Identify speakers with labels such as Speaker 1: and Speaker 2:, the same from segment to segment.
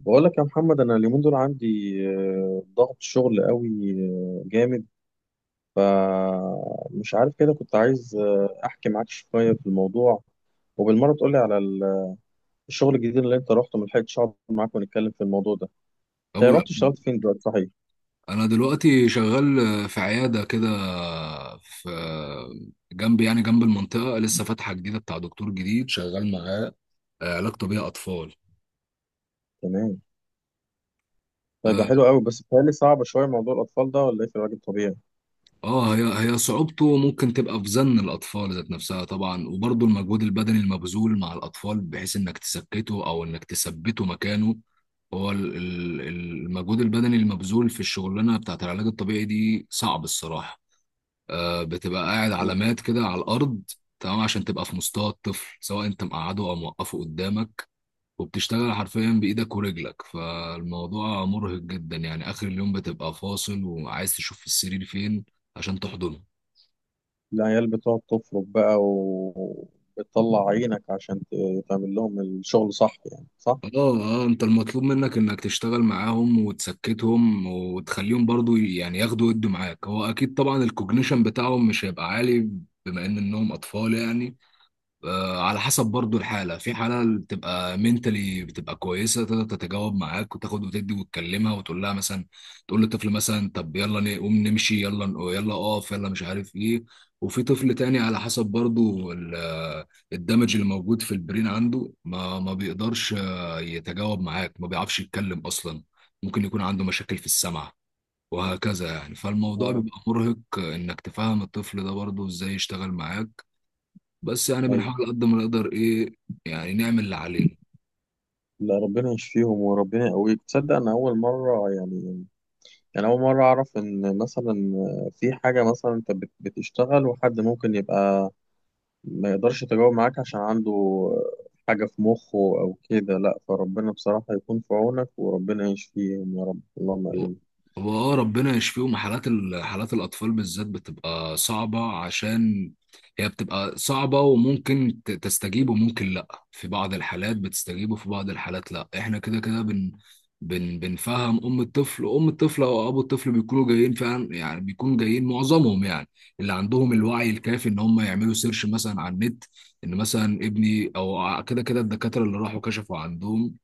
Speaker 1: بقول لك يا محمد، انا اليومين دول عندي ضغط شغل قوي، جامد. فمش عارف كده، كنت عايز احكي معاك شويه في الموضوع. وبالمره تقولي على الشغل الجديد اللي انت رحته. ما لحقتش اقعد معاك ونتكلم في الموضوع ده. انت
Speaker 2: أو
Speaker 1: رحت اشتغلت فين دلوقتي، صحيح؟
Speaker 2: أنا دلوقتي شغال في عيادة كده، في يعني جنب المنطقة، لسه فاتحة جديدة، بتاع دكتور جديد شغال معاه علاج طبيعي أطفال.
Speaker 1: تمام. طيب يا
Speaker 2: اه
Speaker 1: حلو قوي، بس بيتهيألي صعب شويه موضوع الاطفال ده، ولا ايه؟ في الراجل طبيعي؟
Speaker 2: آه، هي هي صعوبته ممكن تبقى في زن الأطفال ذات نفسها طبعا، وبرضه المجهود البدني المبذول مع الأطفال، بحيث إنك تسكته أو إنك تثبته مكانه. هو المجهود البدني المبذول في الشغلانة بتاعت العلاج الطبيعي دي صعب الصراحة. بتبقى قاعد علامات كده على الارض، تمام، عشان تبقى في مستوى الطفل سواء انت مقعده او موقفه قدامك، وبتشتغل حرفيا بايدك ورجلك، فالموضوع مرهق جدا، يعني اخر اليوم بتبقى فاصل وعايز تشوف السرير فين عشان تحضنه.
Speaker 1: العيال بتقعد تفرق بقى وبتطلع عينك عشان تعمل لهم الشغل، صح يعني؟ صح.
Speaker 2: اه، اه انت المطلوب منك انك تشتغل معاهم وتسكتهم وتخليهم برضو يعني ياخدوا يدوا معاك. هو اكيد طبعا الكوجنيشن بتاعهم مش هيبقى عالي بما ان انهم اطفال يعني. على حسب برضو الحالة، في حالة اللي بتبقى منتلي بتبقى كويسة، تقدر تتجاوب معاك وتاخد وتدي، وتكلمها وتقول لها مثلا، تقول للطفل مثلا طب يلا نقوم نمشي، يلا يلا اقف، يلا مش عارف ايه. وفي طفل تاني على حسب برضو الدمج اللي موجود في البرين عنده، ما بيقدرش يتجاوب معاك، ما بيعرفش يتكلم أصلا، ممكن يكون عنده مشاكل في السمع، وهكذا يعني. فالموضوع
Speaker 1: اه،
Speaker 2: بيبقى مرهق انك تفهم الطفل ده برضو ازاي يشتغل معاك. بس يعني
Speaker 1: ايوه.
Speaker 2: بنحاول قد ما نقدر ايه، يعني نعمل اللي علينا.
Speaker 1: لا، ربنا يشفيهم وربنا يقويك. تصدق انا اول مره يعني، انا اول مره اعرف ان مثلا في حاجه، مثلا انت بتشتغل وحد ممكن يبقى ما يقدرش يتجاوب معاك عشان عنده حاجه في مخه او كده. لا، فربنا بصراحه يكون في عونك، وربنا يشفيهم يا رب، اللهم
Speaker 2: هو
Speaker 1: امين.
Speaker 2: هو اه، ربنا يشفيهم. حالات حالات الاطفال بالذات بتبقى صعبه، عشان هي بتبقى صعبه وممكن تستجيب وممكن لا. في بعض الحالات بتستجيب، وفي بعض الحالات لا. احنا كده كده بن بن بنفهم ام الطفل، وام الطفل او ابو الطفل بيكونوا جايين فعلا، يعني بيكونوا جايين معظمهم، يعني اللي عندهم الوعي الكافي ان هم يعملوا سيرش مثلا على النت، ان مثلا ابني او كده كده الدكاتره اللي راحوا كشفوا عندهم،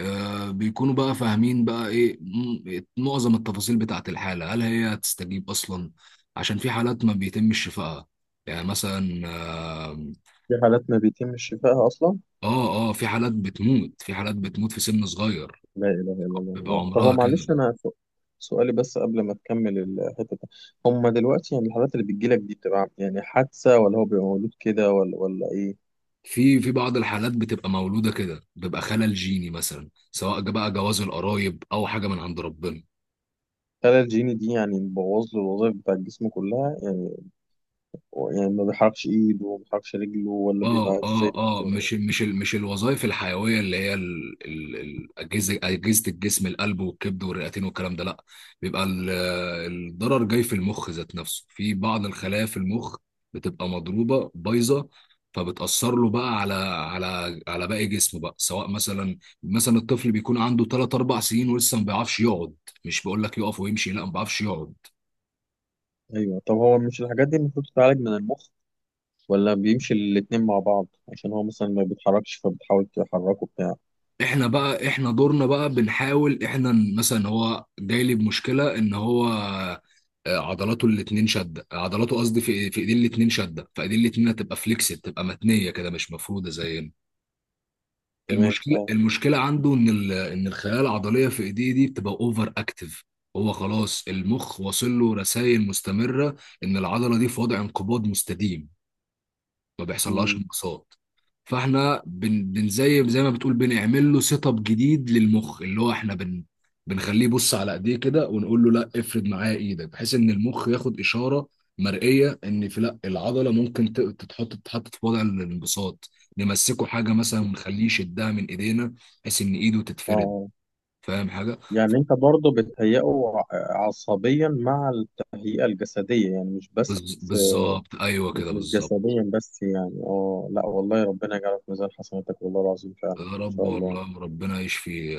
Speaker 2: بيكونوا بقى فاهمين بقى ايه معظم التفاصيل بتاعة الحالة، هل هي هتستجيب اصلا؟ عشان في حالات ما بيتمش شفائها، يعني مثلا اه.
Speaker 1: في حالات ما بيتم شفائها اصلا؟
Speaker 2: اه، في حالات بتموت، في حالات بتموت في سن صغير،
Speaker 1: لا اله الا
Speaker 2: بيبقى
Speaker 1: الله. طب هو
Speaker 2: عمرها كده.
Speaker 1: معلش، انا سؤالي بس قبل ما تكمل الحته دي. هما دلوقتي يعني الحالات اللي بتجيلك دي بتبقى يعني حادثه، ولا هو بيبقى مولود كده، ولا ايه؟
Speaker 2: في بعض الحالات بتبقى مولودة كده، بيبقى خلل جيني مثلا، سواء بقى جواز القرايب او حاجة من عند ربنا.
Speaker 1: خلايا الجيني دي يعني بتبوظ له الوظائف بتاع الجسم كلها يعني؟ هو يعني ما بيحركش ايده وما بيحركش رجله، ولا
Speaker 2: اه
Speaker 1: بيبقى ازاي؟
Speaker 2: اه اه مش الوظائف الحيويه، اللي هي الاجهزه، اجهزه الجسم، القلب والكبد والرئتين والكلام ده، لا. بيبقى ال- الضرر جاي في المخ ذات نفسه، في بعض الخلايا في المخ بتبقى مضروبه بايظه، فبتاثر له بقى على على باقي جسمه بقى. سواء مثلا، الطفل بيكون عنده 3 4 سنين ولسه ما بيعرفش يقعد، مش بقول لك يقف ويمشي، لا، ما بيعرفش يقعد.
Speaker 1: ايوه. طب هو مش الحاجات دي المفروض تتعالج من المخ؟ ولا بيمشي الاتنين مع بعض، عشان هو مثلا ما بيتحركش فبتحاول تحركه بتاع.
Speaker 2: احنا بقى احنا دورنا بقى، بنحاول احنا مثلا، هو جاي لي بمشكله ان هو عضلاته الاتنين شده، عضلاته قصدي في ايدين الاتنين شده، فايدين الاتنين هتبقى فليكسد، تبقى متنيه كده مش مفروده زينا.
Speaker 1: تمام.
Speaker 2: المشكله
Speaker 1: اه.
Speaker 2: المشكله عنده ان ان الخلايا العضليه في ايديه دي بتبقى اوفر اكتف. هو خلاص المخ واصل له رسائل مستمره ان العضله دي في وضع انقباض مستديم، ما بيحصلهاش
Speaker 1: مم.
Speaker 2: انبساط. فاحنا بن بن زي ما بتقول، بنعمل له سيت اب جديد للمخ، اللي هو احنا بنخليه يبص على ايديه كده ونقول له لا، افرد معاه ايدك، بحيث ان المخ ياخد اشاره مرئيه ان في، لا، العضله ممكن تتحط في وضع الانبساط. نمسكه حاجه مثلا ونخليه يشدها من ايدينا، بحيث ان ايده
Speaker 1: اه.
Speaker 2: تتفرد.
Speaker 1: آه.
Speaker 2: فاهم حاجه؟
Speaker 1: يعني انت برضه بتهيئه ع- عصبيا مع التهيئة الجسدية يعني، مش بس.
Speaker 2: بالظبط، ايوه
Speaker 1: مش
Speaker 2: كده، بالظبط.
Speaker 1: جسديا بس يعني. اه. لا والله، ربنا يجعلك في ميزان حسناتك والله العظيم، فعلا ان
Speaker 2: يا رب،
Speaker 1: شاء الله.
Speaker 2: والله ربنا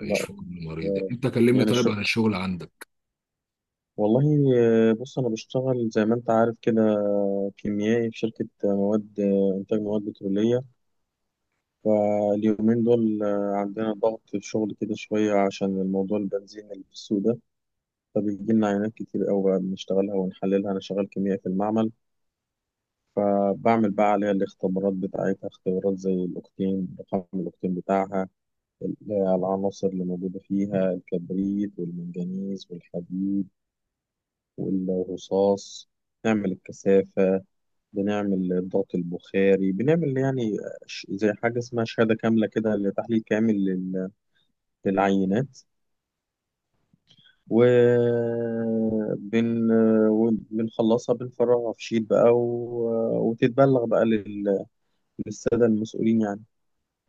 Speaker 1: لا.
Speaker 2: يشفي كل مريض.
Speaker 1: آه،
Speaker 2: انت كلمني
Speaker 1: يعني
Speaker 2: طيب
Speaker 1: شو،
Speaker 2: عن الشغل عندك.
Speaker 1: والله. بص، أنا بشتغل زي ما أنت عارف كده كيميائي في شركة مواد إنتاج مواد بترولية. فاليومين دول عندنا ضغط في الشغل كده شوية عشان الموضوع البنزين اللي في السوق ده. فبيجي لنا عينات كتير أوي بقى بنشتغلها ونحللها. أنا شغال كيميائي في المعمل، فبعمل بقى عليها الاختبارات بتاعتها، اختبارات زي الأوكتين، رقم الأوكتين بتاعها، العناصر اللي موجودة فيها، الكبريت والمنجنيز والحديد والرصاص. بنعمل الكثافة، بنعمل الضغط البخاري، بنعمل يعني زي حاجة اسمها شهادة كاملة كده لتحليل كامل للعينات. وبن بنخلصها، بنفرغها في شيت بقى وتتبلغ بقى للسادة المسؤولين يعني.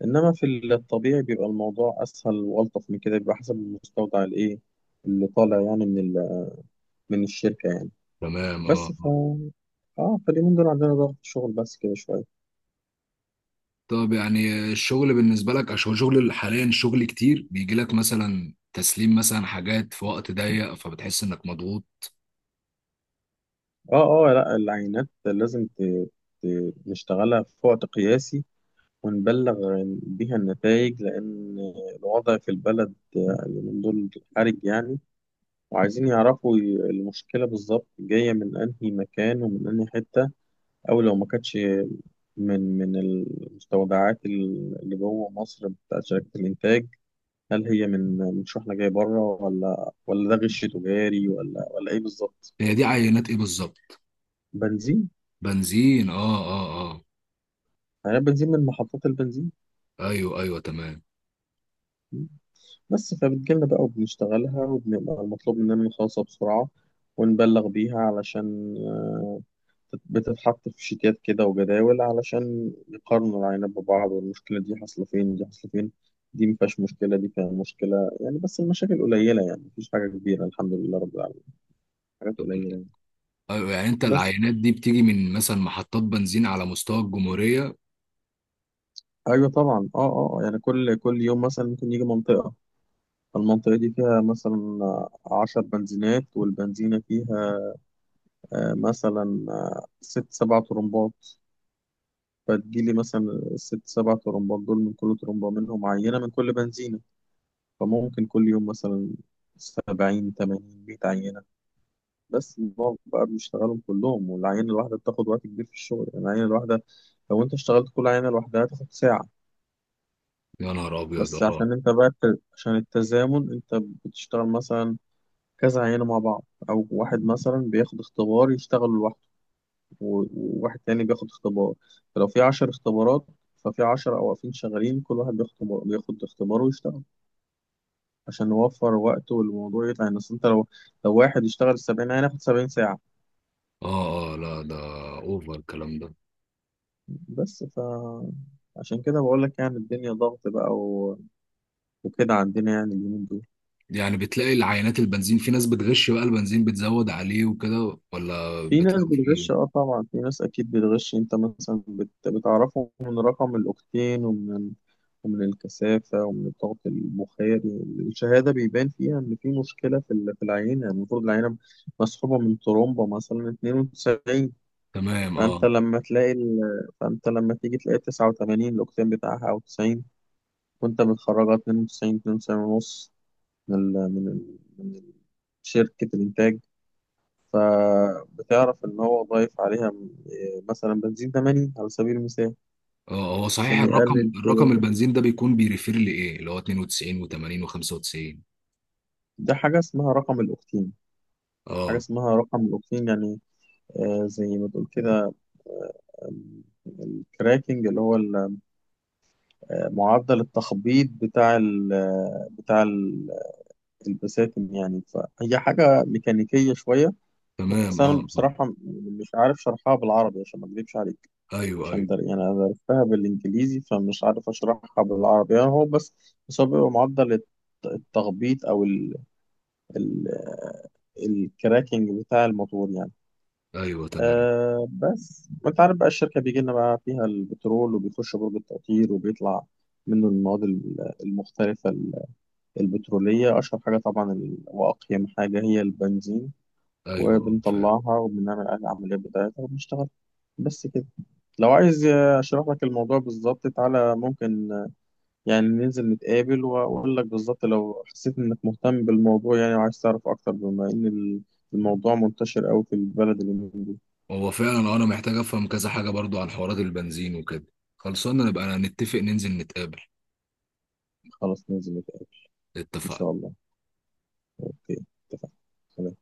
Speaker 1: إنما في الطبيعي بيبقى الموضوع أسهل وألطف من كده، بيبقى حسب المستودع الإيه اللي طالع يعني من الشركة يعني.
Speaker 2: تمام، اه،
Speaker 1: بس،
Speaker 2: آه.
Speaker 1: اه، فاليومين دول عندنا ضغط شغل بس كده شوية.
Speaker 2: طب يعني الشغل بالنسبة لك، عشان شغل حاليا، شغل كتير بيجي لك مثلا، تسليم مثلا حاجات في وقت ضيق، فبتحس انك مضغوط؟
Speaker 1: اه، اه. لا، العينات لازم ت... نشتغلها في وقت قياسي ونبلغ بيها النتائج، لأن الوضع في البلد اليومين دول حرج يعني. وعايزين يعرفوا المشكلة بالظبط جاية من أنهي مكان ومن أنهي حتة، أو لو ما كانتش من المستودعات اللي جوه مصر بتاعت شركة الإنتاج. هل هي من شحنة جاية بره، ولا ده غش تجاري، ولا ايه بالظبط؟
Speaker 2: هي دي عينات ايه بالظبط؟
Speaker 1: بنزين.
Speaker 2: بنزين؟ اه، اه.
Speaker 1: يعني بنزين من محطات البنزين.
Speaker 2: اه، ايوه، ايوه، تمام.
Speaker 1: بس فبتجيلنا بقى وبنشتغلها، وبنبقى المطلوب مننا نخلصها بسرعة ونبلغ بيها، علشان بتتحط في شيتات كده وجداول علشان يقارنوا العينات ببعض، والمشكلة دي حاصلة فين، دي حاصلة فين، دي مفيهاش مشكلة، دي فيها مشكلة يعني. بس المشاكل قليلة يعني، مفيش حاجة كبيرة الحمد لله رب العالمين، حاجات
Speaker 2: طب-
Speaker 1: قليلة يعني.
Speaker 2: ايوه، يعني انت
Speaker 1: بس.
Speaker 2: العينات دي بتيجي من مثلا محطات بنزين على مستوى الجمهورية؟
Speaker 1: ايوه طبعا. اه، اه، آه. يعني كل يوم مثلا ممكن يجي منطقه، المنطقه دي فيها مثلا عشر بنزينات، والبنزينه فيها مثلا ست سبع طرمبات. فتجيلي مثلا الست سبع طرمبات دول، من كل طرمبة منهم عينة، من كل بنزينة. فممكن كل يوم مثلا سبعين، تمانين، مية عينة. بس بنقعد بقى بنشتغلهم كلهم، والعينة الواحدة بتاخد وقت كبير في الشغل يعني. العينة الواحدة لو انت اشتغلت كل عينة لوحدها هتاخد ساعة.
Speaker 2: يا نهار ابيض،
Speaker 1: بس
Speaker 2: اه.
Speaker 1: عشان انت بقى عشان التزامن، انت بتشتغل مثلا كذا عينة مع بعض، او واحد مثلا بياخد اختبار يشتغل لوحده وواحد تاني بياخد اختبار. فلو في عشر اختبارات، ففي عشرة واقفين شغالين كل واحد بياخد اختبار ويشتغل، عشان نوفر وقت والموضوع يطلع يعني. اصل انت لو واحد يشتغل السبعين عينة ياخد سبعين ساعة.
Speaker 2: اه، لا ده اوفر الكلام ده.
Speaker 1: بس. عشان كده بقول لك يعني الدنيا ضغط بقى وكده عندنا يعني اليومين دول.
Speaker 2: يعني بتلاقي العينات البنزين في ناس بتغش بقى البنزين بتزود عليه وكده، ولا
Speaker 1: في ناس
Speaker 2: بتلاقي فيه؟
Speaker 1: بتغش. اه طبعا، في ناس اكيد بتغش. انت مثلا بتعرفه من رقم الاوكتين ومن الكثافة ومن الضغط البخاري. الشهادة بيبان فيها إن في مشكلة في العينة. المفروض العينة مسحوبة من ترومبة مثلا 92.
Speaker 2: تمام،
Speaker 1: فأنت
Speaker 2: اه،
Speaker 1: لما تلاقي ال... فأنت لما تيجي تلاقي 89 الأوكتين بتاعها، أو 90، وأنت بتخرجها 92، 92 ونص، من ال... من ال... من ال- شركة الإنتاج. فبتعرف إن هو ضايف عليها إيه، مثلا بنزين 80 على سبيل المثال،
Speaker 2: اه. هو صحيح،
Speaker 1: عشان
Speaker 2: الرقم
Speaker 1: يقلل
Speaker 2: الرقم
Speaker 1: شوية.
Speaker 2: البنزين ده بيكون بيريفير لايه، اللي هو 92 و80 و95؟
Speaker 1: ده حاجة اسمها رقم الأوكتين، حاجة
Speaker 2: اه،
Speaker 1: اسمها رقم الأوكتين يعني، زي ما تقول كده الكراكنج، اللي هو معدل التخبيط بتاع ال آه، بتاع ال- البساتم يعني، فهي حاجة ميكانيكية شوية.
Speaker 2: تمام،
Speaker 1: بس أنا
Speaker 2: اه،
Speaker 1: بصراحة مش عارف شرحها بالعربي عشان ما أكذبش عليك،
Speaker 2: ايوه،
Speaker 1: عشان
Speaker 2: ايوه،
Speaker 1: ده يعني انا عرفتها بالانجليزي فمش عارف اشرحها بالعربي يعني. هو بس بس هو بيبقى معدل التخبيط، او ال الكراكنج بتاع الموتور يعني.
Speaker 2: ايوه، تمام،
Speaker 1: أه، بس وانت عارف بقى الشركه بيجي لنا بقى فيها البترول، وبيخش برج التقطير وبيطلع منه المواد المختلفه البتروليه. اشهر حاجه طبعا واقيم حاجه هي البنزين،
Speaker 2: ايوه، اه فعلا.
Speaker 1: وبنطلعها وبنعمل عليها العمليات بتاعتها وبنشتغل. بس كده. لو عايز اشرح لك الموضوع بالظبط تعالى، ممكن يعني ننزل نتقابل واقول لك بالظبط، لو حسيت انك مهتم بالموضوع يعني وعايز تعرف اكتر، بما ان الموضوع منتشر قوي في البلد اللي من دول.
Speaker 2: هو فعلا، انا محتاج افهم كذا حاجه برضو عن حوارات البنزين وكده. خلصنا نبقى نتفق ننزل نتقابل.
Speaker 1: خلاص، ننزل نتقابل ان شاء
Speaker 2: اتفقنا.
Speaker 1: الله. اوكي، اتفقنا.